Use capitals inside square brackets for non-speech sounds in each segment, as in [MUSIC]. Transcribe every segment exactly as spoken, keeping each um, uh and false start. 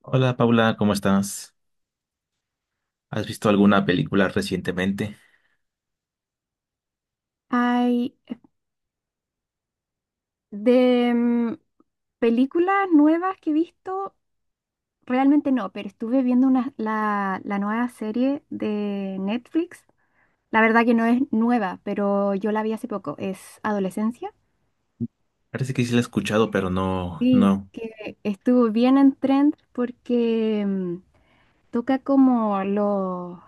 Hola Paula, ¿cómo estás? ¿Has visto alguna película recientemente? Ay, de mm, películas nuevas que he visto, realmente no, pero estuve viendo una, la, la nueva serie de Netflix. La verdad que no es nueva, pero yo la vi hace poco, es Adolescencia. Parece que sí la he escuchado, pero no, Sí, no. que estuvo bien en trend porque mm, toca como lo-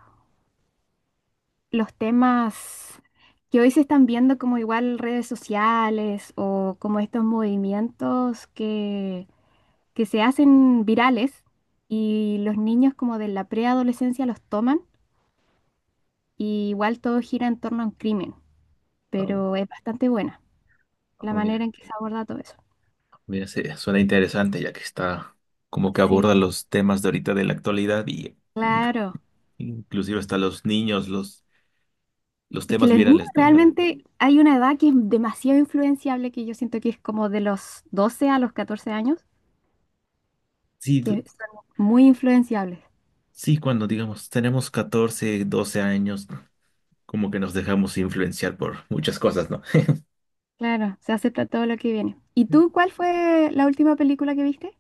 los temas que hoy se están viendo como igual redes sociales o como estos movimientos que que se hacen virales y los niños como de la preadolescencia los toman y igual todo gira en torno a un crimen, Oh, pero es bastante buena la oh, manera mira, en que se aborda todo eso. mira, se- suena interesante ya que está como que aborda Sí, los temas de ahorita de la actualidad y inc- claro. inclusive hasta los niños, los, los Es que temas los niños virales, ¿no? realmente hay una edad que es demasiado influenciable, que yo siento que es como de los doce a los catorce años, Sí, que d- son muy influenciables. sí, cuando digamos tenemos catorce, doce años, como que nos dejamos influenciar por muchas cosas, ¿no? [LAUGHS] Claro, se acepta todo lo que viene. ¿Y tú cuál fue la última película que viste?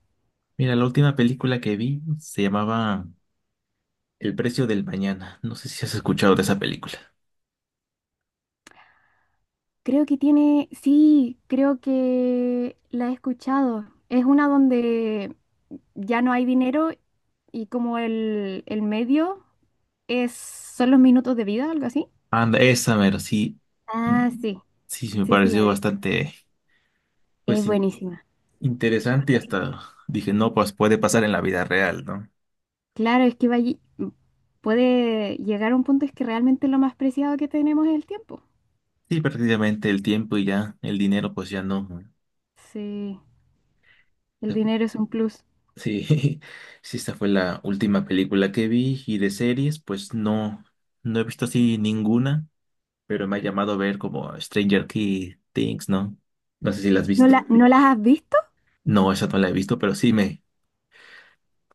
Mira, la última película que vi se llamaba El precio del mañana. No sé si has escuchado de esa película. Creo que tiene, sí, creo que la he escuchado. Es una donde ya no hay dinero y como el, el medio es, son los minutos de vida, algo así. Anda, esa mero, sí. Ah, Mm. sí, Sí, sí me sí, sí, la pareció vi. bastante, Es pues, in- buenísima. interesante y hasta dije, no, pues puede pasar en la vida real, ¿no? Claro, es que va allí- Puede llegar a un punto es que realmente lo más preciado que tenemos es el tiempo. Sí, prácticamente el tiempo y ya, el dinero, pues ya no. Sí, el dinero es un plus. Sí, [LAUGHS] sí, esta fue la última película que vi y de series, pues no, no he visto así ninguna, pero me ha llamado a ver como Stranger Key Things, ¿no? No sé si la has ¿No visto. la, no las has visto? No, esa no la he visto, pero sí me,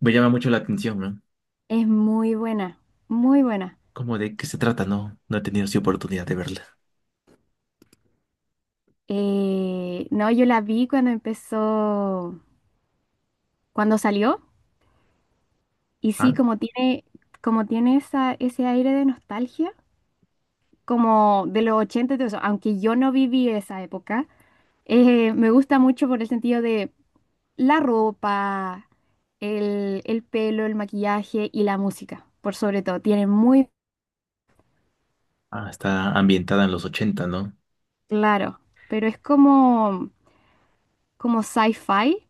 me llama mucho la atención, ¿no? Es muy buena, muy buena. ¿Cómo de qué se trata? No, no he tenido así oportunidad de verla. Eh, no, yo la vi cuando empezó, cuando salió, y sí, Ah, como tiene, como tiene esa, ese aire de nostalgia, como de los ochenta, y todo eso, aunque yo no viví esa época, eh, me gusta mucho por el sentido de la ropa, el, el pelo, el maquillaje y la música, por sobre todo, tiene muy ah, está ambientada en los ochenta, ¿no? claro, pero es como, como sci-fi,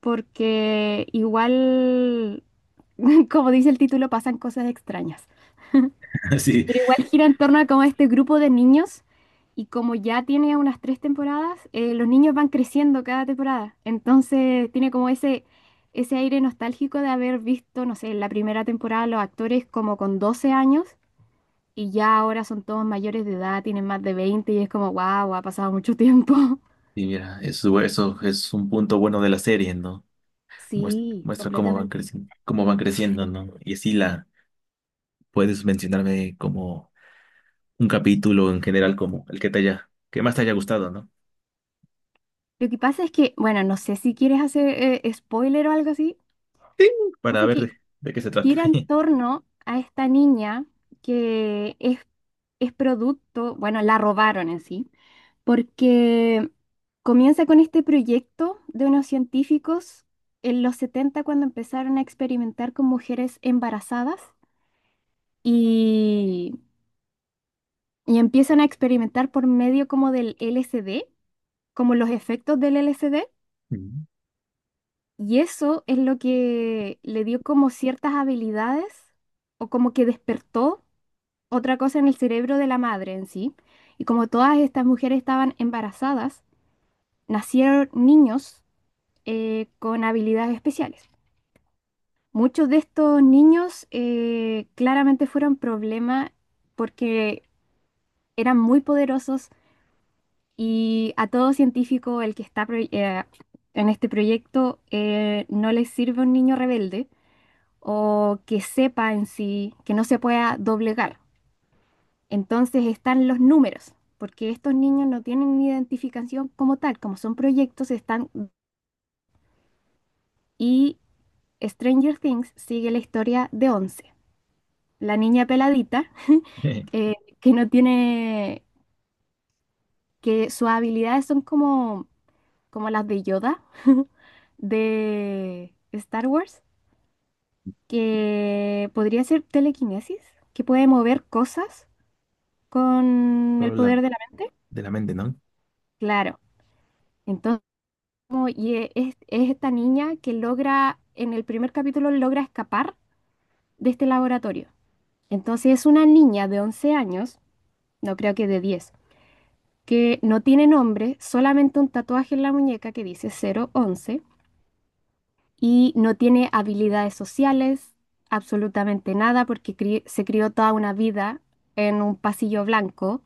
porque igual, [LAUGHS] como dice el título, pasan cosas extrañas. [LAUGHS] Sí, Pero igual gira en torno a como este grupo de niños y como ya tiene unas tres temporadas, eh, los niños van creciendo cada temporada. Entonces tiene como ese, ese aire nostálgico de haber visto, no sé, en la primera temporada los actores como con doce años y ya ahora son todos mayores de edad, tienen más de veinte y es como, wow, ha pasado mucho tiempo. [LAUGHS] y mira, eso, eso es un punto bueno de la serie, ¿no? Muest- Sí, Muestra, cómo van completamente. creciendo, cómo van creciendo, ¿no? Y así la puedes mencionarme como un capítulo en general, como el que te haya, que más te haya gustado, ¿no? Lo que pasa es que, bueno, no sé si quieres hacer eh, spoiler o algo así. Sí. O Para sea ver que de, de qué se trata. gira en [LAUGHS] torno a esta niña que es, es producto, bueno, la robaron en sí, porque comienza con este proyecto de unos científicos en los setenta cuando empezaron a experimentar con mujeres embarazadas y, y empiezan a experimentar por medio como del L S D, como los efectos del L S D. Mm. Y eso es lo que le dio como ciertas habilidades o como que despertó otra cosa en el cerebro de la madre en sí. Y como todas estas mujeres estaban embarazadas, nacieron niños eh, con habilidades especiales. Muchos de estos niños eh, claramente fueron problema porque eran muy poderosos y a todo científico el que está pro- eh, en este proyecto eh, no les sirve un niño rebelde o que sepa en sí, que no se pueda doblegar. Entonces están los números, porque estos niños no tienen identificación como tal, como son proyectos, están... Y Stranger Things sigue la historia de Once, la niña peladita, Eh, eh, que no tiene, que sus habilidades son como, como las de Yoda [LAUGHS] de Star Wars, que podría ser telequinesis, que puede mover cosas con solo el la poder de la mente. de la mente, ¿no? Claro. Entonces, como- y e- es, es esta niña que logra, en el primer capítulo logra escapar de este laboratorio. Entonces es una niña de once años, no creo que de diez, que no tiene nombre, solamente un tatuaje en la muñeca que dice cero once y no tiene habilidades sociales, absolutamente nada, porque cri- se crió toda una vida en un pasillo blanco,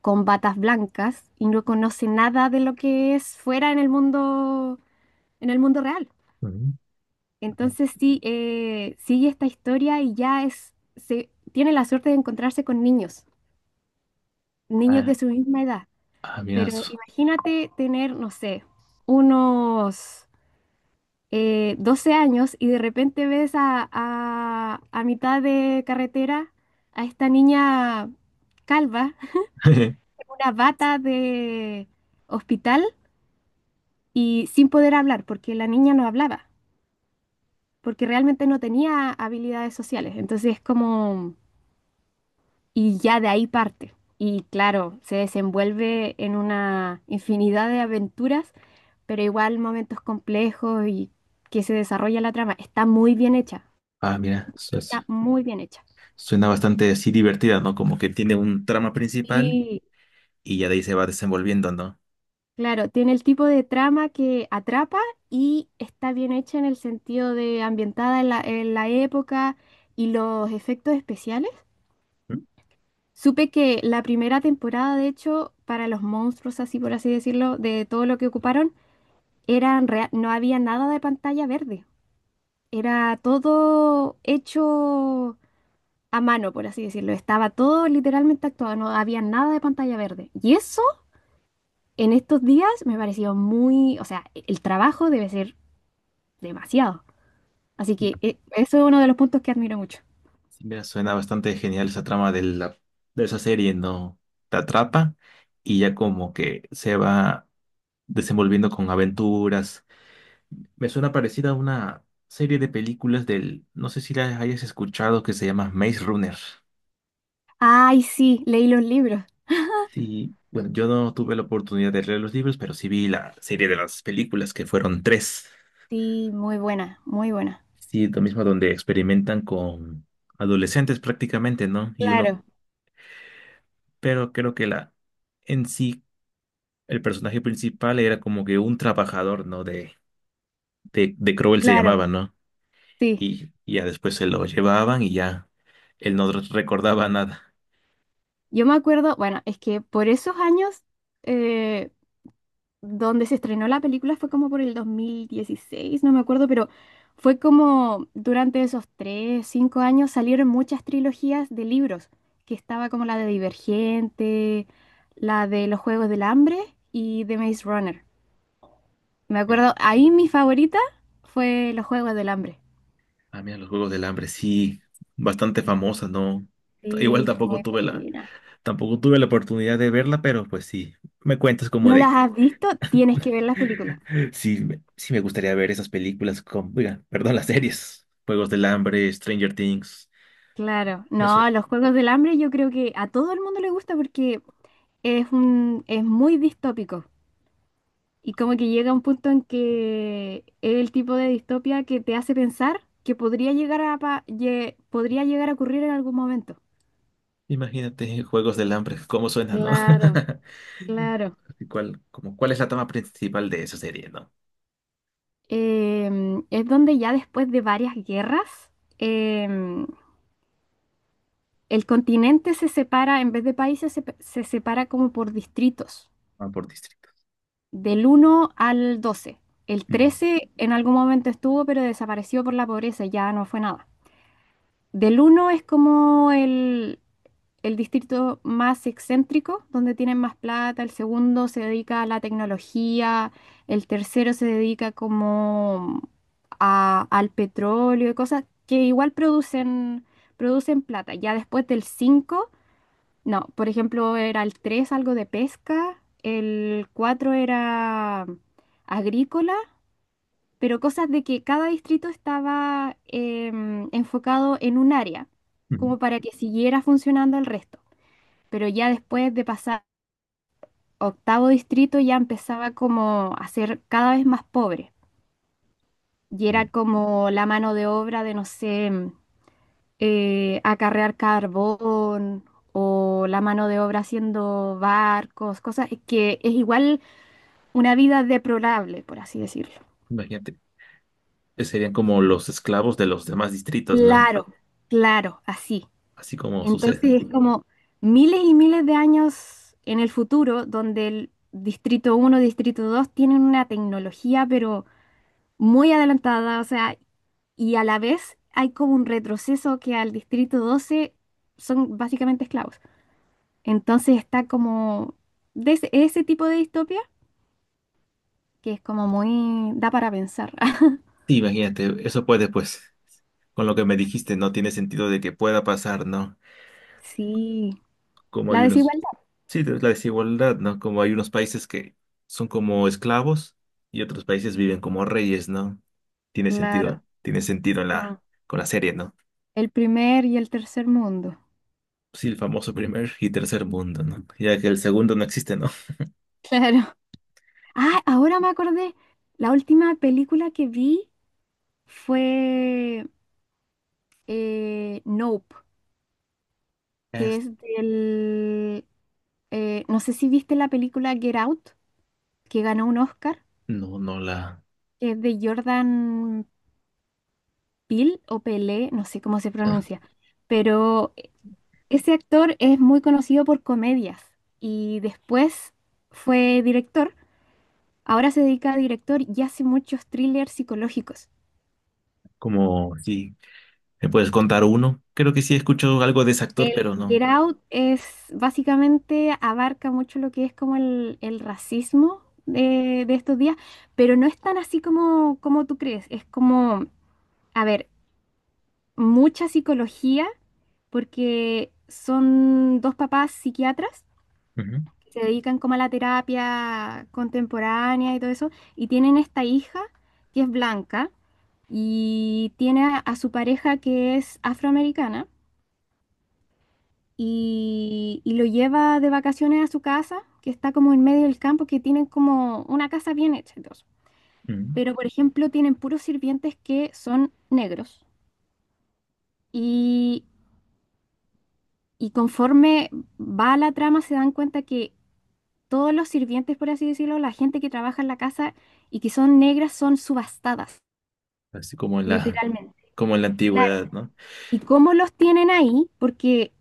con batas blancas y no conoce nada de lo que es fuera en el mundo, en el mundo real. Mm. Ok. Entonces sí, eh, sigue esta historia y ya es, se, tiene la suerte de encontrarse con niños, niños de Ah, su misma edad. ah, mira, Pero eso. imagínate tener, no sé, unos eh, doce años y de repente ves a, a, a mitad de carretera a esta niña calva, [LAUGHS] [LAUGHS] una bata de hospital y sin poder hablar, porque la niña no hablaba, porque realmente no tenía habilidades sociales. Entonces es como... y ya de ahí parte. Y claro, se desenvuelve en una infinidad de aventuras, pero igual momentos complejos y que se desarrolla la trama. Está muy bien hecha, Ah, mira, eso. Está muy bien hecha. Suena bastante así divertida, ¿no? Como que tiene un trama principal Y y ya de ahí se va desenvolviendo, ¿no? claro, tiene el tipo de trama que atrapa y está bien hecha en el sentido de ambientada en la, en la época y los efectos especiales. Mm. Supe que la primera temporada, de hecho, para los monstruos, así por así decirlo, de todo lo que ocuparon, Eran rea- no había nada de pantalla verde. Era todo hecho a mano, por así decirlo. Estaba todo literalmente actuado, no había nada de pantalla verde. Y eso en estos días me pareció muy, o sea, e- el trabajo debe ser demasiado. Así Y- que e- eso es uno de los puntos que admiro mucho. Sí, mira, suena bastante genial esa trama de la, de esa serie, ¿no? Te atrapa y ya como que se va desenvolviendo con aventuras. Me suena parecida a una serie de películas del, no sé si la hayas escuchado, que se llama Maze Runner. Ay, sí, leí los libros. Sí, bueno, yo no tuve la oportunidad de leer los libros, pero sí vi la serie de las películas, que fueron tres. Sí, muy buena, muy buena. Sí, lo mismo donde experimentan con adolescentes prácticamente, ¿no? Y uno, Claro, pero creo que la en sí, el personaje principal era como que un trabajador, ¿no? De, de, de Crowell se claro, llamaba, ¿no? sí. Y y ya después se lo llevaban y ya él no recordaba nada. Yo me acuerdo, bueno, es que por esos años eh, donde se estrenó la película fue como por el dos mil dieciséis, no me acuerdo, pero fue como durante esos tres, cinco años salieron muchas trilogías de libros, que estaba como la de Divergente, la de Los Juegos del Hambre y de Maze Runner. Me Eh, acuerdo, ahí mi favorita fue Los Juegos del Hambre. ah, mira, los Juegos del Hambre, sí, bastante famosa, ¿no? Igual Sí, tampoco muy tuve la, buena. tampoco tuve la oportunidad de verla, pero pues sí, me cuentas como ¿No de las que has visto? Tienes que ver las películas. Sí, me- sí me gustaría ver esas películas con, oiga, perdón, [LAUGHS] las series. Juegos del Hambre, Stranger Things. Claro, Me suena. no, Los Juegos del Hambre yo creo que a todo el mundo le gusta porque es un, es muy distópico. Y como que llega un punto en que es el tipo de distopia que te hace pensar que podría llegar a, pa- lle- podría llegar a ocurrir en algún momento. Imagínate, Juegos del Hambre, [LAUGHS] cómo suena, ¿no? Claro, claro. [LAUGHS] ¿Y ¿Cuál, como, cuál es la trama principal de esa serie, ¿no? Em, es donde ya después de varias guerras, em, el continente se separa, en vez de países, se, pe- se separa como por distritos, Van por distrito. del uno al doce. El Ujú, trece en algún momento estuvo, pero desapareció por la pobreza, ya no fue nada. Del uno es como el, el distrito más excéntrico, donde tienen más plata, el segundo se dedica a la tecnología, el tercero se dedica como a- al petróleo y cosas que igual producen, producen plata. Ya después del cinco, no, por ejemplo, era el tres algo de pesca, el cuatro era agrícola, pero cosas de que cada distrito estaba em, enfocado en un área, ujú. como para que siguiera funcionando el resto, pero ya después de pasar octavo distrito ya empezaba como a ser cada vez más pobre y era Bien. como la mano de obra de, no sé, eh, acarrear carbón o la mano de obra haciendo barcos, cosas que es igual una vida deplorable, por así decirlo. Imagínate, eh, serían como los esclavos de los demás distritos, ¿no? Claro, claro, así. Así como sucede. Entonces es como miles y miles de años en el futuro donde el Distrito uno Distrito dos tienen una tecnología, pero muy adelantada, o sea, y a la vez hay como un retroceso que al Distrito doce son básicamente esclavos. Entonces está como de ese, ese tipo de distopia que es como muy, da para pensar. [LAUGHS] Sí, imagínate, eso puede, pues, con lo que me dijiste, no tiene sentido de que pueda pasar, ¿no? Sí, Como hay la unos. desigualdad, Sí, de- la desigualdad, ¿no? Como hay unos países que son como esclavos y otros países viven como reyes, ¿no? Tiene claro. sentido, tiene sentido Mm. la, con la serie, ¿no? El primer y el tercer mundo, Sí, el famoso primer y tercer mundo, ¿no? Ya que el segundo no existe, ¿no? claro. [LAUGHS] Ah, ahora me acordé, la última película que vi fue eh, Nope. Que Es- es del... eh, no sé si viste la película Get Out, que ganó un Oscar, no, no la... que es de Jordan Peele o Pelé, no sé cómo se ah. pronuncia, pero ese actor es muy conocido por comedias y después fue director, ahora se dedica a director y hace muchos thrillers psicológicos. Como, sí, ¿me puedes contar uno? Creo que sí escucho algo de ese actor, El pero Get no. Out es básicamente abarca mucho lo que es como el, el racismo de, de estos días, pero no es tan así como, como tú crees. Es como, a ver, mucha psicología, porque son dos papás psiquiatras Ujú, que se dedican como a la terapia contemporánea y todo eso, y tienen esta hija que es blanca y tiene a a su pareja que es afroamericana. Y, y lo lleva de vacaciones a su casa, que está como en medio del campo, que tienen como una casa bien hecha. Y todo eso. ujú. Pero, por ejemplo, tienen puros sirvientes que son negros. Y, y conforme va la trama, se dan cuenta que todos los sirvientes, por así decirlo, la gente que trabaja en la casa y que son negras, son subastadas, Así como en la, literalmente. como en la Claro. antigüedad, ¿no? ¿Y cómo los tienen ahí? Porque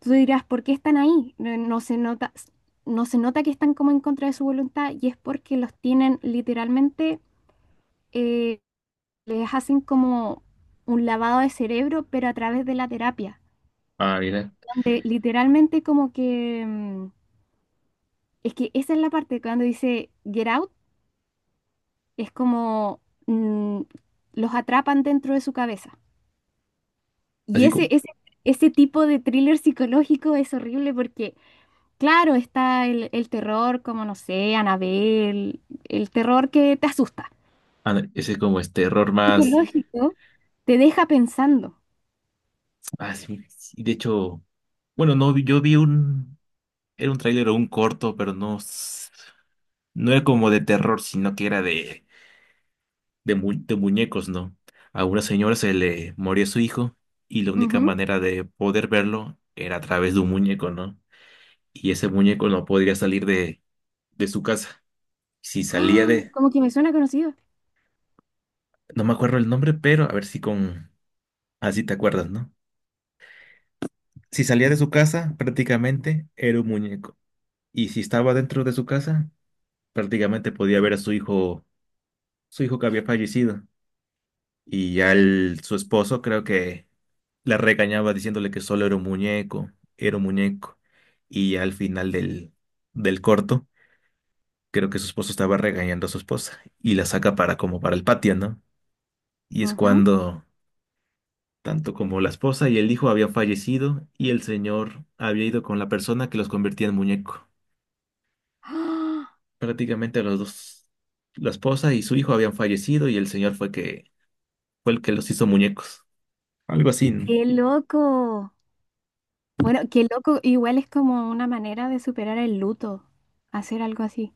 tú dirás, ¿por qué están ahí? No, no se nota, no se nota que están como en contra de su voluntad y es porque los tienen literalmente, eh, les hacen como un lavado de cerebro, pero a través de la terapia, Ah, mira, donde literalmente como que, mm, es que esa es la parte cuando dice get out, es como mm, los atrapan dentro de su cabeza. Y así ese, como, ese, ese tipo de thriller psicológico es horrible porque claro, está el, el terror, como no sé, Anabel, el terror que te asusta. ah, ese como este error más. Psicológico, te deja pensando. Ah, sí, sí, de hecho, bueno, no, vi- yo vi un, era un tráiler o un corto, pero no, s- no era como de terror, sino que era de, de, mu- de muñecos, ¿no? A una señora se le moría su hijo y la única Ujú. manera de poder verlo era a través de un muñeco, ¿no? Y ese muñeco no podría salir de, de su casa. Si salía ¡Ah! de, Como que me suena conocido. no me acuerdo el nombre, pero a ver si con, así te acuerdas, ¿no? Si salía de su casa, prácticamente era un muñeco. Y si estaba dentro de su casa, prácticamente podía ver a su hijo, su hijo que había fallecido. Y ya el- su esposo creo que la regañaba diciéndole que solo era un muñeco, era un muñeco. Y ya al final del, del corto, creo que su esposo estaba regañando a su esposa y la saca para como para el patio, ¿no? Y es Ujú. cuando tanto como la esposa y el hijo habían fallecido y el señor había ido con la persona que los convertía en muñeco. ¡Ah! Prácticamente los dos, la esposa y su hijo habían fallecido y el señor fue que fue el que los hizo muñecos. Algo así, ¿no? ¡Qué loco! Bueno, qué loco, igual es como una manera de superar el luto, hacer algo así.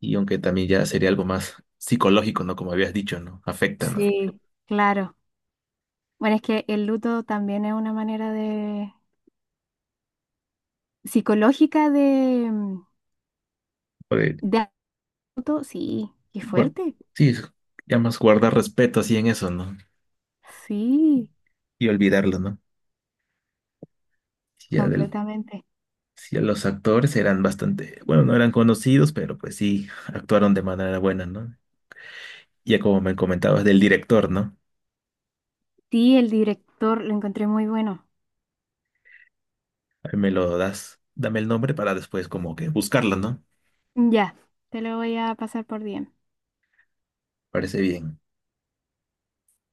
Y aunque también ya sería algo más psicológico, ¿no? Como habías dicho, ¿no? Afecta, ¿no? Sí, claro. Bueno, es que el luto también es una manera de psicológica de, mm, Puede de auto. Sí, qué guar- fuerte. sí, es- ya más guardar respeto así en eso, ¿no? Sí. Y olvidarlo, ¿no? Si Ya del, Completamente. sí, los actores eran bastante, bueno, no eran conocidos, pero pues sí, actuaron de manera buena, ¿no? Ya como me comentabas del director, ¿no? Sí, el director lo encontré muy bueno. Ahí me lo das, dame el nombre para después como que buscarlo, ¿no? Ya, te lo voy a pasar por D M. Parece bien.